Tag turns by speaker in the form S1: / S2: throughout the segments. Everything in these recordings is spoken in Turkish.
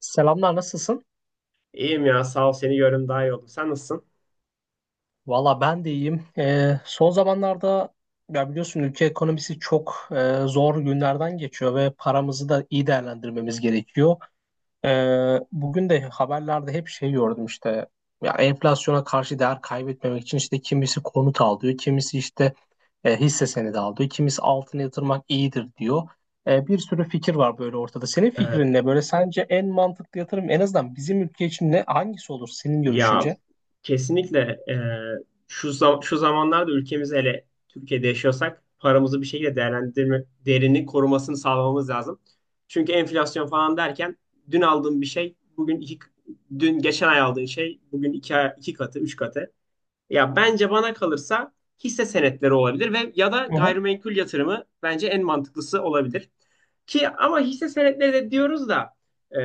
S1: Selamlar, nasılsın?
S2: İyiyim ya sağ ol seni görüm daha iyi oldu. Sen nasılsın?
S1: Valla ben de iyiyim. Son zamanlarda ya biliyorsun ülke ekonomisi çok zor günlerden geçiyor ve paramızı da iyi değerlendirmemiz gerekiyor. Bugün de haberlerde hep şey gördüm işte, ya enflasyona karşı değer kaybetmemek için işte kimisi konut al diyor, kimisi işte hisse senedi al diyor, kimisi altına yatırmak iyidir diyor. Bir sürü fikir var böyle ortada. Senin
S2: Evet.
S1: fikrin ne? Böyle sence en mantıklı yatırım en azından bizim ülke için ne? Hangisi olur senin
S2: Ya
S1: görüşünce?
S2: kesinlikle e, şu zamanlarda ülkemizde hele Türkiye'de yaşıyorsak paramızı bir şekilde değerlendirme değerini korumasını sağlamamız lazım. Çünkü enflasyon falan derken dün aldığın bir şey bugün iki geçen ay aldığın şey bugün iki, iki katı, üç katı. Ya bence bana kalırsa hisse senetleri olabilir ve ya da
S1: Hı hı.
S2: gayrimenkul yatırımı bence en mantıklısı olabilir. Ki ama hisse senetleri de diyoruz da e,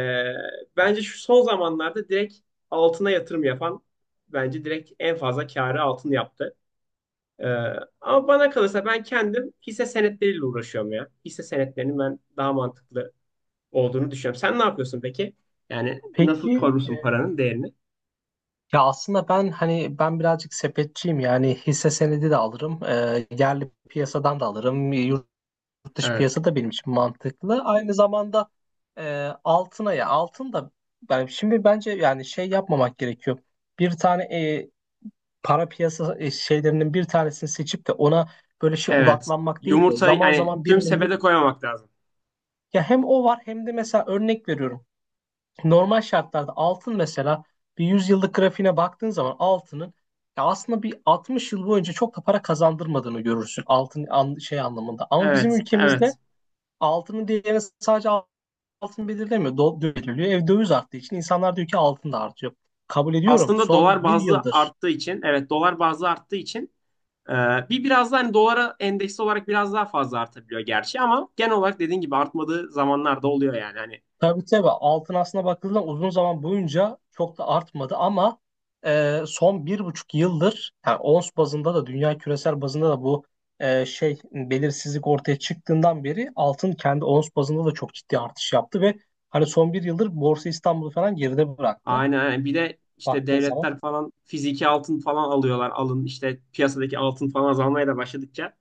S2: bence şu son zamanlarda direkt altına yatırım yapan bence direkt en fazla kârı altın yaptı. E, ama bana kalırsa ben kendim hisse senetleriyle uğraşıyorum ya. Hisse senetlerinin ben daha mantıklı olduğunu düşünüyorum. Sen ne yapıyorsun peki? Yani nasıl
S1: Peki,
S2: korursun paranın değerini?
S1: ya aslında hani ben birazcık sepetçiyim, yani hisse senedi de alırım, yerli piyasadan da alırım, yurt dış
S2: Evet.
S1: piyasa da benim için mantıklı. Aynı zamanda altın da, ben şimdi bence yani şey yapmamak gerekiyor. Bir tane para piyasa şeylerinin bir tanesini seçip de ona böyle şey
S2: Evet.
S1: odaklanmak değil de
S2: Yumurtayı
S1: zaman
S2: yani
S1: zaman
S2: tüm
S1: birinin,
S2: sepete koymamak lazım.
S1: ya hem o var hem de mesela örnek veriyorum. Normal şartlarda altın mesela bir 100 yıllık grafiğine baktığın zaman altının, ya aslında bir 60 yıl boyunca çok da para kazandırmadığını görürsün altın şey anlamında. Ama bizim
S2: Evet,
S1: ülkemizde
S2: evet.
S1: altının değerini sadece altın belirlemiyor. Do belirliyor. Ev döviz arttığı için insanlar diyor ki altın da artıyor. Kabul ediyorum.
S2: Aslında
S1: Son
S2: dolar
S1: bir
S2: bazlı
S1: yıldır,
S2: arttığı için, evet dolar bazlı arttığı için e, bir biraz daha hani dolara endeksli olarak biraz daha fazla artabiliyor gerçi ama genel olarak dediğin gibi artmadığı zamanlar da oluyor yani. Hani
S1: tabii tabii, altın aslına bakıldığında uzun zaman boyunca çok da artmadı ama son 1,5 yıldır yani ons bazında da dünya küresel bazında da bu şey belirsizlik ortaya çıktığından beri altın kendi ons bazında da çok ciddi artış yaptı ve hani son bir yıldır Borsa İstanbul'u falan geride bıraktı
S2: aynen aynen. Bir de işte
S1: baktığın zaman.
S2: devletler falan fiziki altın falan alıyorlar. Alın işte piyasadaki altın falan azalmaya da başladıkça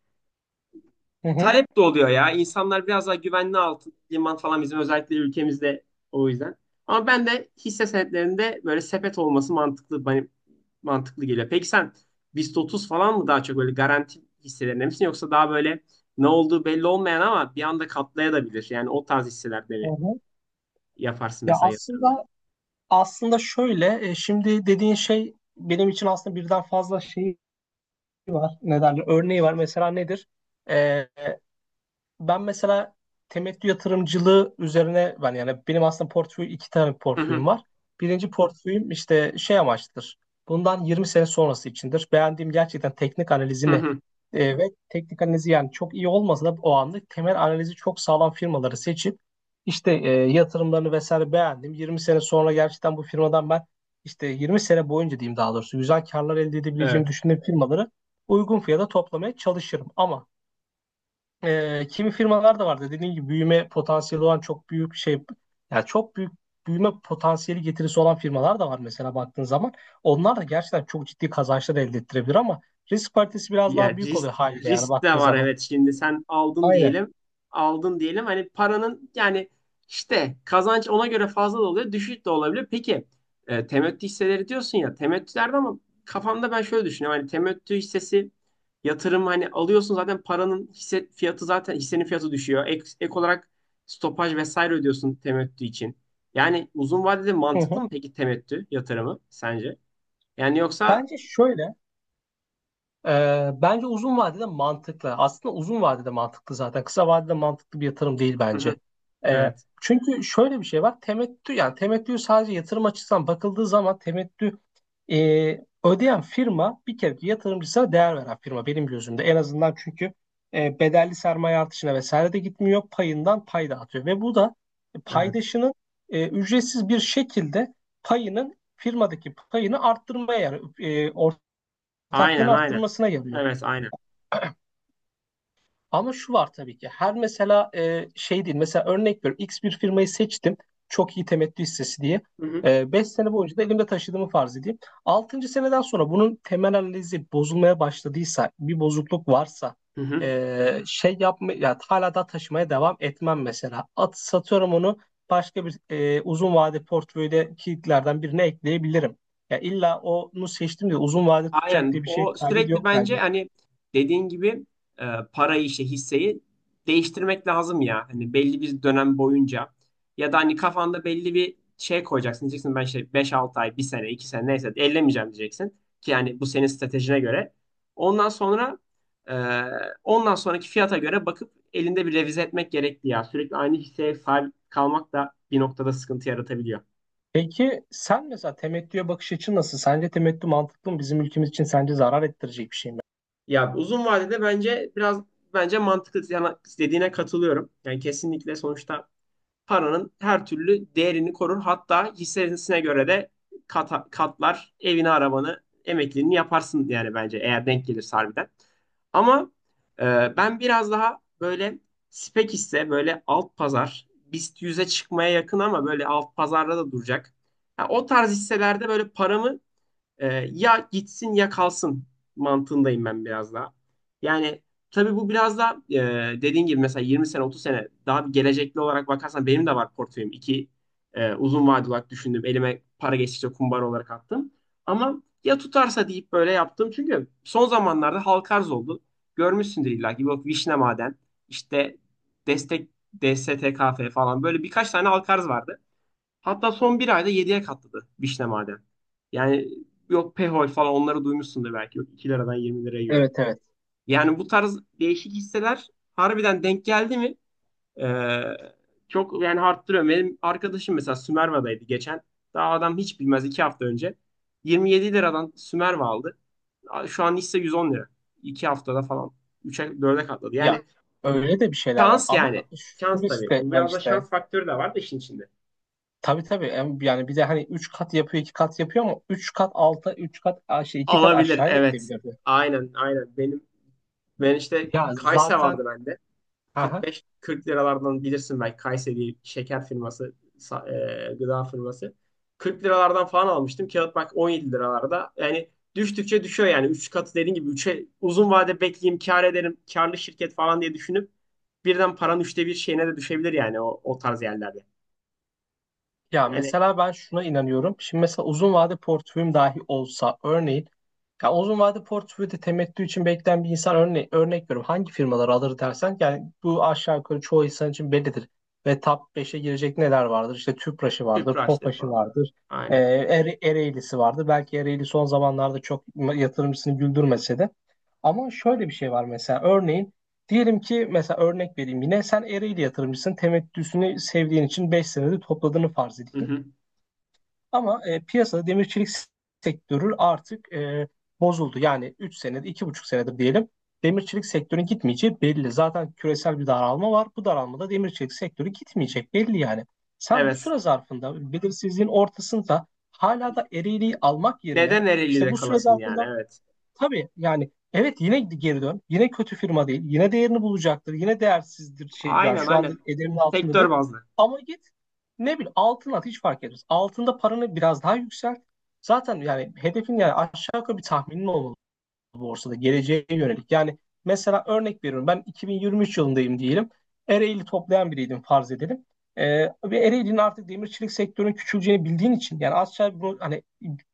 S1: Hı hı.
S2: talep de oluyor ya. İnsanlar biraz daha güvenli altın, liman falan bizim özellikle ülkemizde o yüzden. Ama ben de hisse senetlerinde böyle sepet olması mantıklı bana mantıklı geliyor. Peki sen BIST 30 falan mı daha çok böyle garanti hisselerinde misin yoksa daha böyle ne olduğu belli olmayan ama bir anda katlayabilir. Yani o tarz hisselerde
S1: Hı
S2: mi
S1: hı.
S2: yaparsın
S1: Ya
S2: mesela yatırımları?
S1: aslında Aslında şöyle, şimdi dediğin şey benim için aslında birden fazla şeyi var. Ne derler? Örneği var. Mesela nedir? Ben mesela temettü yatırımcılığı üzerine benim aslında iki tane
S2: Hı hı,
S1: portföyüm var. Birinci portföyüm işte şey amaçlıdır. Bundan 20 sene sonrası içindir. Beğendiğim gerçekten
S2: hı hı.
S1: e, ve teknik analizi yani çok iyi olmasa da o anlık temel analizi çok sağlam firmaları seçip işte yatırımlarını vesaire beğendim. 20 sene sonra gerçekten bu firmadan ben işte 20 sene boyunca diyeyim, daha doğrusu güzel karlar elde edebileceğimi
S2: Evet.
S1: düşündüğüm firmaları uygun fiyata toplamaya çalışırım. Ama kimi firmalar da vardı. Dediğim gibi büyüme potansiyeli olan çok büyük şey, yani çok büyük büyüme potansiyeli getirisi olan firmalar da var mesela baktığın zaman. Onlar da gerçekten çok ciddi kazançlar elde ettirebilir ama risk paritesi biraz
S2: Ya
S1: daha büyük
S2: risk,
S1: oluyor haliyle yani
S2: risk de
S1: baktığın
S2: var
S1: zaman.
S2: evet şimdi sen aldın
S1: Aynen.
S2: diyelim aldın diyelim hani paranın yani işte kazanç ona göre fazla da oluyor düşük de olabilir. Peki temettü hisseleri diyorsun ya temettülerde ama kafamda ben şöyle düşünüyorum hani temettü hissesi yatırım hani alıyorsun zaten paranın hisse fiyatı zaten hissenin fiyatı düşüyor ek olarak stopaj vesaire ödüyorsun temettü için. Yani uzun vadede
S1: Hı
S2: mantıklı
S1: hı.
S2: mı peki temettü yatırımı sence? Yani yoksa.
S1: Bence şöyle Bence uzun vadede mantıklı. Aslında uzun vadede mantıklı zaten. Kısa vadede mantıklı bir yatırım değil
S2: Hı hı,
S1: bence. Ee,
S2: evet
S1: Çünkü şöyle bir şey var. Temettü sadece yatırım açısından bakıldığı zaman temettü e, ödeyen firma bir kere ki yatırımcısına değer veren firma benim gözümde. En azından çünkü bedelli sermaye artışına vesaire de gitmiyor. Payından pay dağıtıyor ve bu da
S2: evet.
S1: paydaşının ücretsiz bir şekilde payının firmadaki payını arttırmaya, yani
S2: Aynen
S1: ortaklığını
S2: aynen.
S1: arttırmasına yarıyor.
S2: Evet aynen.
S1: Ama şu var, tabii ki her, mesela şey değil, mesela örnek veriyorum, X bir firmayı seçtim çok iyi temettü hissesi diye.
S2: Hı hı.
S1: 5 sene boyunca da elimde taşıdığımı farz edeyim. Altıncı seneden sonra bunun temel analizi bozulmaya başladıysa, bir bozukluk varsa
S2: Hı hı.
S1: şey yapma ya hala da taşımaya devam etmem mesela. Satıyorum onu, başka bir uzun vade portföyde kilitlerden birine ekleyebilirim. Ya illa onu seçtim diye uzun vade tutacak
S2: Aynen.
S1: diye bir şey
S2: O
S1: kaydı
S2: sürekli
S1: yok
S2: bence
S1: bence.
S2: hani dediğin gibi e, parayı işte hisseyi değiştirmek lazım ya. Hani belli bir dönem boyunca ya da hani kafanda belli bir şey koyacaksın. Diyeceksin ben işte 5-6 ay, bir sene, 2 sene neyse ellemeyeceğim diyeceksin. Ki yani bu senin stratejine göre. Ondan sonra e, ondan sonraki fiyata göre bakıp elinde bir revize etmek gerekli ya. Sürekli aynı hisseye sahip kalmak da bir noktada sıkıntı yaratabiliyor.
S1: Peki sen mesela temettüye bakış açın nasıl? Sence temettü mantıklı mı? Bizim ülkemiz için sence zarar ettirecek bir şey mi?
S2: Ya uzun vadede bence mantıklı, dediğine katılıyorum. Yani kesinlikle sonuçta paranın her türlü değerini korur. Hatta hissesine göre de katlar evini, arabanı, emekliliğini yaparsın yani bence eğer denk gelirse harbiden. Ama e, ben biraz daha böyle spek hisse böyle alt pazar BIST 100'e çıkmaya yakın ama böyle alt pazarda da duracak. Ya o tarz hisselerde böyle paramı ya gitsin ya kalsın mantığındayım ben biraz daha. Yani tabii bu biraz da dediğin gibi mesela 20 sene 30 sene daha bir gelecekli olarak bakarsan benim de var portföyüm. İki uzun vadeli olarak düşündüm. Elime para geçtikçe kumbar olarak attım. Ama ya tutarsa deyip böyle yaptım. Çünkü son zamanlarda halka arz oldu. Görmüşsündür illa ki. Yok Vişne Maden, işte Destek, DSTKF falan böyle birkaç tane halka arz vardı. Hatta son bir ayda 7'ye katladı Vişne Maden. Yani yok Pehol falan onları duymuşsundur belki. Yok 2 liradan 20 liraya gördüm.
S1: Evet evet.
S2: Yani bu tarz değişik hisseler harbiden denk geldi mi ee, çok yani arttırıyor. Benim arkadaşım mesela Sümerva'daydı geçen. Daha adam hiç bilmez 2 hafta önce. 27 liradan Sümerva aldı. Şu an hisse 110 lira. 2 haftada falan 3'e 4'e katladı.
S1: Ya
S2: Yani
S1: öyle de bir şeyler var
S2: şans yani.
S1: ama şu
S2: Şans
S1: risk
S2: tabii.
S1: de var
S2: Biraz da
S1: işte.
S2: şans faktörü de var da işin içinde.
S1: Tabii tabii, yani bir de hani 3 kat yapıyor 2 kat yapıyor, ama 3 kat alta 3 kat aşağı iki kat
S2: Olabilir
S1: aşağıya da
S2: evet.
S1: gidebilirdi.
S2: Aynen aynen. Ben işte
S1: Ya
S2: Kayse
S1: zaten.
S2: vardı bende.
S1: Aha.
S2: 45-40 liralardan bilirsin belki Kayse diye şeker firması, gıda firması. 40 liralardan falan almıştım. Kağıt bak 17 liralarda. Yani düştükçe düşüyor yani. Üç katı dediğin gibi üçe uzun vade bekleyeyim kar ederim. Karlı şirket falan diye düşünüp birden paranın 1/3 şeyine de düşebilir yani o tarz yerlerde.
S1: Ya
S2: Yani
S1: mesela ben şuna inanıyorum. Şimdi mesela uzun vade portföyüm dahi olsa, örneğin ya uzun vade portföyde temettü için bekleyen bir insan, örnek veriyorum. Hangi firmaları alır dersen yani bu aşağı yukarı çoğu insan için bellidir. Ve top 5'e girecek neler vardır? İşte Tüpraş'ı vardır,
S2: Tüpraştır
S1: Tofaş'ı
S2: falan.
S1: vardır,
S2: Aynen.
S1: Ereğli'si vardır. Belki Ereğli son zamanlarda çok yatırımcısını güldürmese de. Ama şöyle bir şey var, mesela örneğin diyelim ki, mesela örnek vereyim, yine sen Ereğli yatırımcısın, temettüsünü sevdiğin için 5 senede topladığını farz
S2: Hı
S1: edeyim.
S2: hı.
S1: Ama piyasada demirçilik sektörü artık bozuldu. Yani 3 senedir, 2,5 senedir diyelim, demirçilik çelik sektörünün gitmeyeceği belli. Zaten küresel bir daralma var. Bu daralmada demir çelik sektörü gitmeyecek belli yani. Sen bu
S2: Evet.
S1: süre zarfında belirsizliğin ortasında hala da ereğliği almak yerine,
S2: Neden
S1: işte
S2: Ereğli'de
S1: bu süre
S2: kalasın yani
S1: zarfında
S2: evet.
S1: tabii yani, evet, yine geri dön. Yine kötü firma değil. Yine değerini bulacaktır. Yine değersizdir şey, yani
S2: Aynen
S1: şu anda
S2: aynen.
S1: ederinin altındadır.
S2: Sektör bazlı.
S1: Ama git, ne bileyim, altın at, hiç fark etmez. Altında paranı biraz daha yükselt. Zaten yani hedefin, yani aşağı yukarı bir tahminin olmalı borsada geleceğe yönelik. Yani mesela örnek veriyorum, ben 2023 yılındayım diyelim. Ereğli toplayan biriydim farz edelim. Ve Ereğli'nin artık demir çelik sektörünün küçüleceğini bildiğin için, yani hani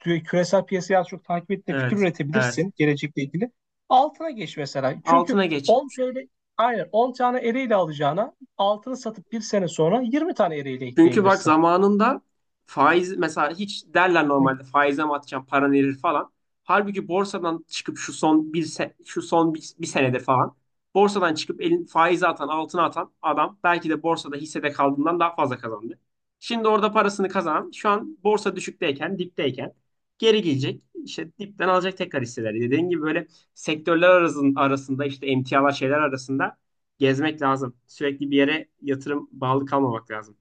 S1: küresel piyasayı az çok takip ettiğinde fikir
S2: Evet. Evet.
S1: üretebilirsin gelecekle ilgili. Altına geç mesela. Çünkü
S2: Altına geç.
S1: 10 TL, aynen 10 tane Ereğli alacağına altını satıp bir sene sonra 20 tane Ereğli
S2: Çünkü bak
S1: ekleyebilirsin.
S2: zamanında faiz mesela hiç derler normalde faize mi atacağım paran erir falan. Halbuki borsadan çıkıp şu son bir senedir falan borsadan çıkıp elin faize atan altına atan adam belki de borsada hissede kaldığından daha fazla kazandı. Şimdi orada parasını kazanan şu an borsa düşükteyken dipteyken geri gelecek işte dipten alacak tekrar hisseleri. Dediğin gibi böyle sektörler arasında işte emtialar şeyler arasında gezmek lazım. Sürekli bir yere yatırım bağlı kalmamak lazım.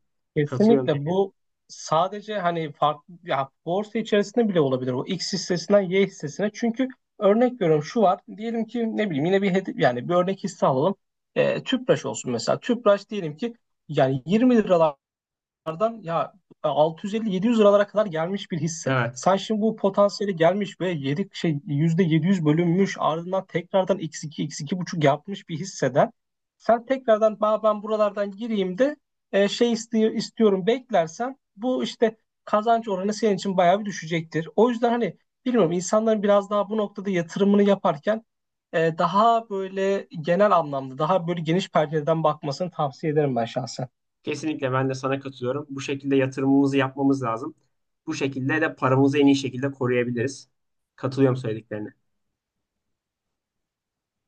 S2: Katılıyorum
S1: Kesinlikle
S2: dediğine.
S1: bu sadece hani farklı, ya borsa içerisinde bile olabilir o X hissesinden Y hissesine. Çünkü örnek veriyorum, şu var. Diyelim ki ne bileyim, yine bir hedi yani bir örnek hisse alalım. Tüpraş olsun mesela. Tüpraş diyelim ki yani 20 liralar dolardan ya 650-700 liralara kadar gelmiş bir hisse.
S2: Evet.
S1: Sen şimdi bu potansiyeli gelmiş ve 7 şey %700 bölünmüş, ardından tekrardan x2 x iki buçuk yapmış bir hisseden sen tekrardan, ben buralardan gireyim de şey istiyorum, beklersen bu işte kazanç oranı senin için bayağı bir düşecektir. O yüzden hani bilmiyorum, insanların biraz daha bu noktada yatırımını yaparken daha böyle genel anlamda daha böyle geniş pencereden bakmasını tavsiye ederim ben şahsen.
S2: Kesinlikle ben de sana katılıyorum. Bu şekilde yatırımımızı yapmamız lazım. Bu şekilde de paramızı en iyi şekilde koruyabiliriz. Katılıyorum söylediklerine.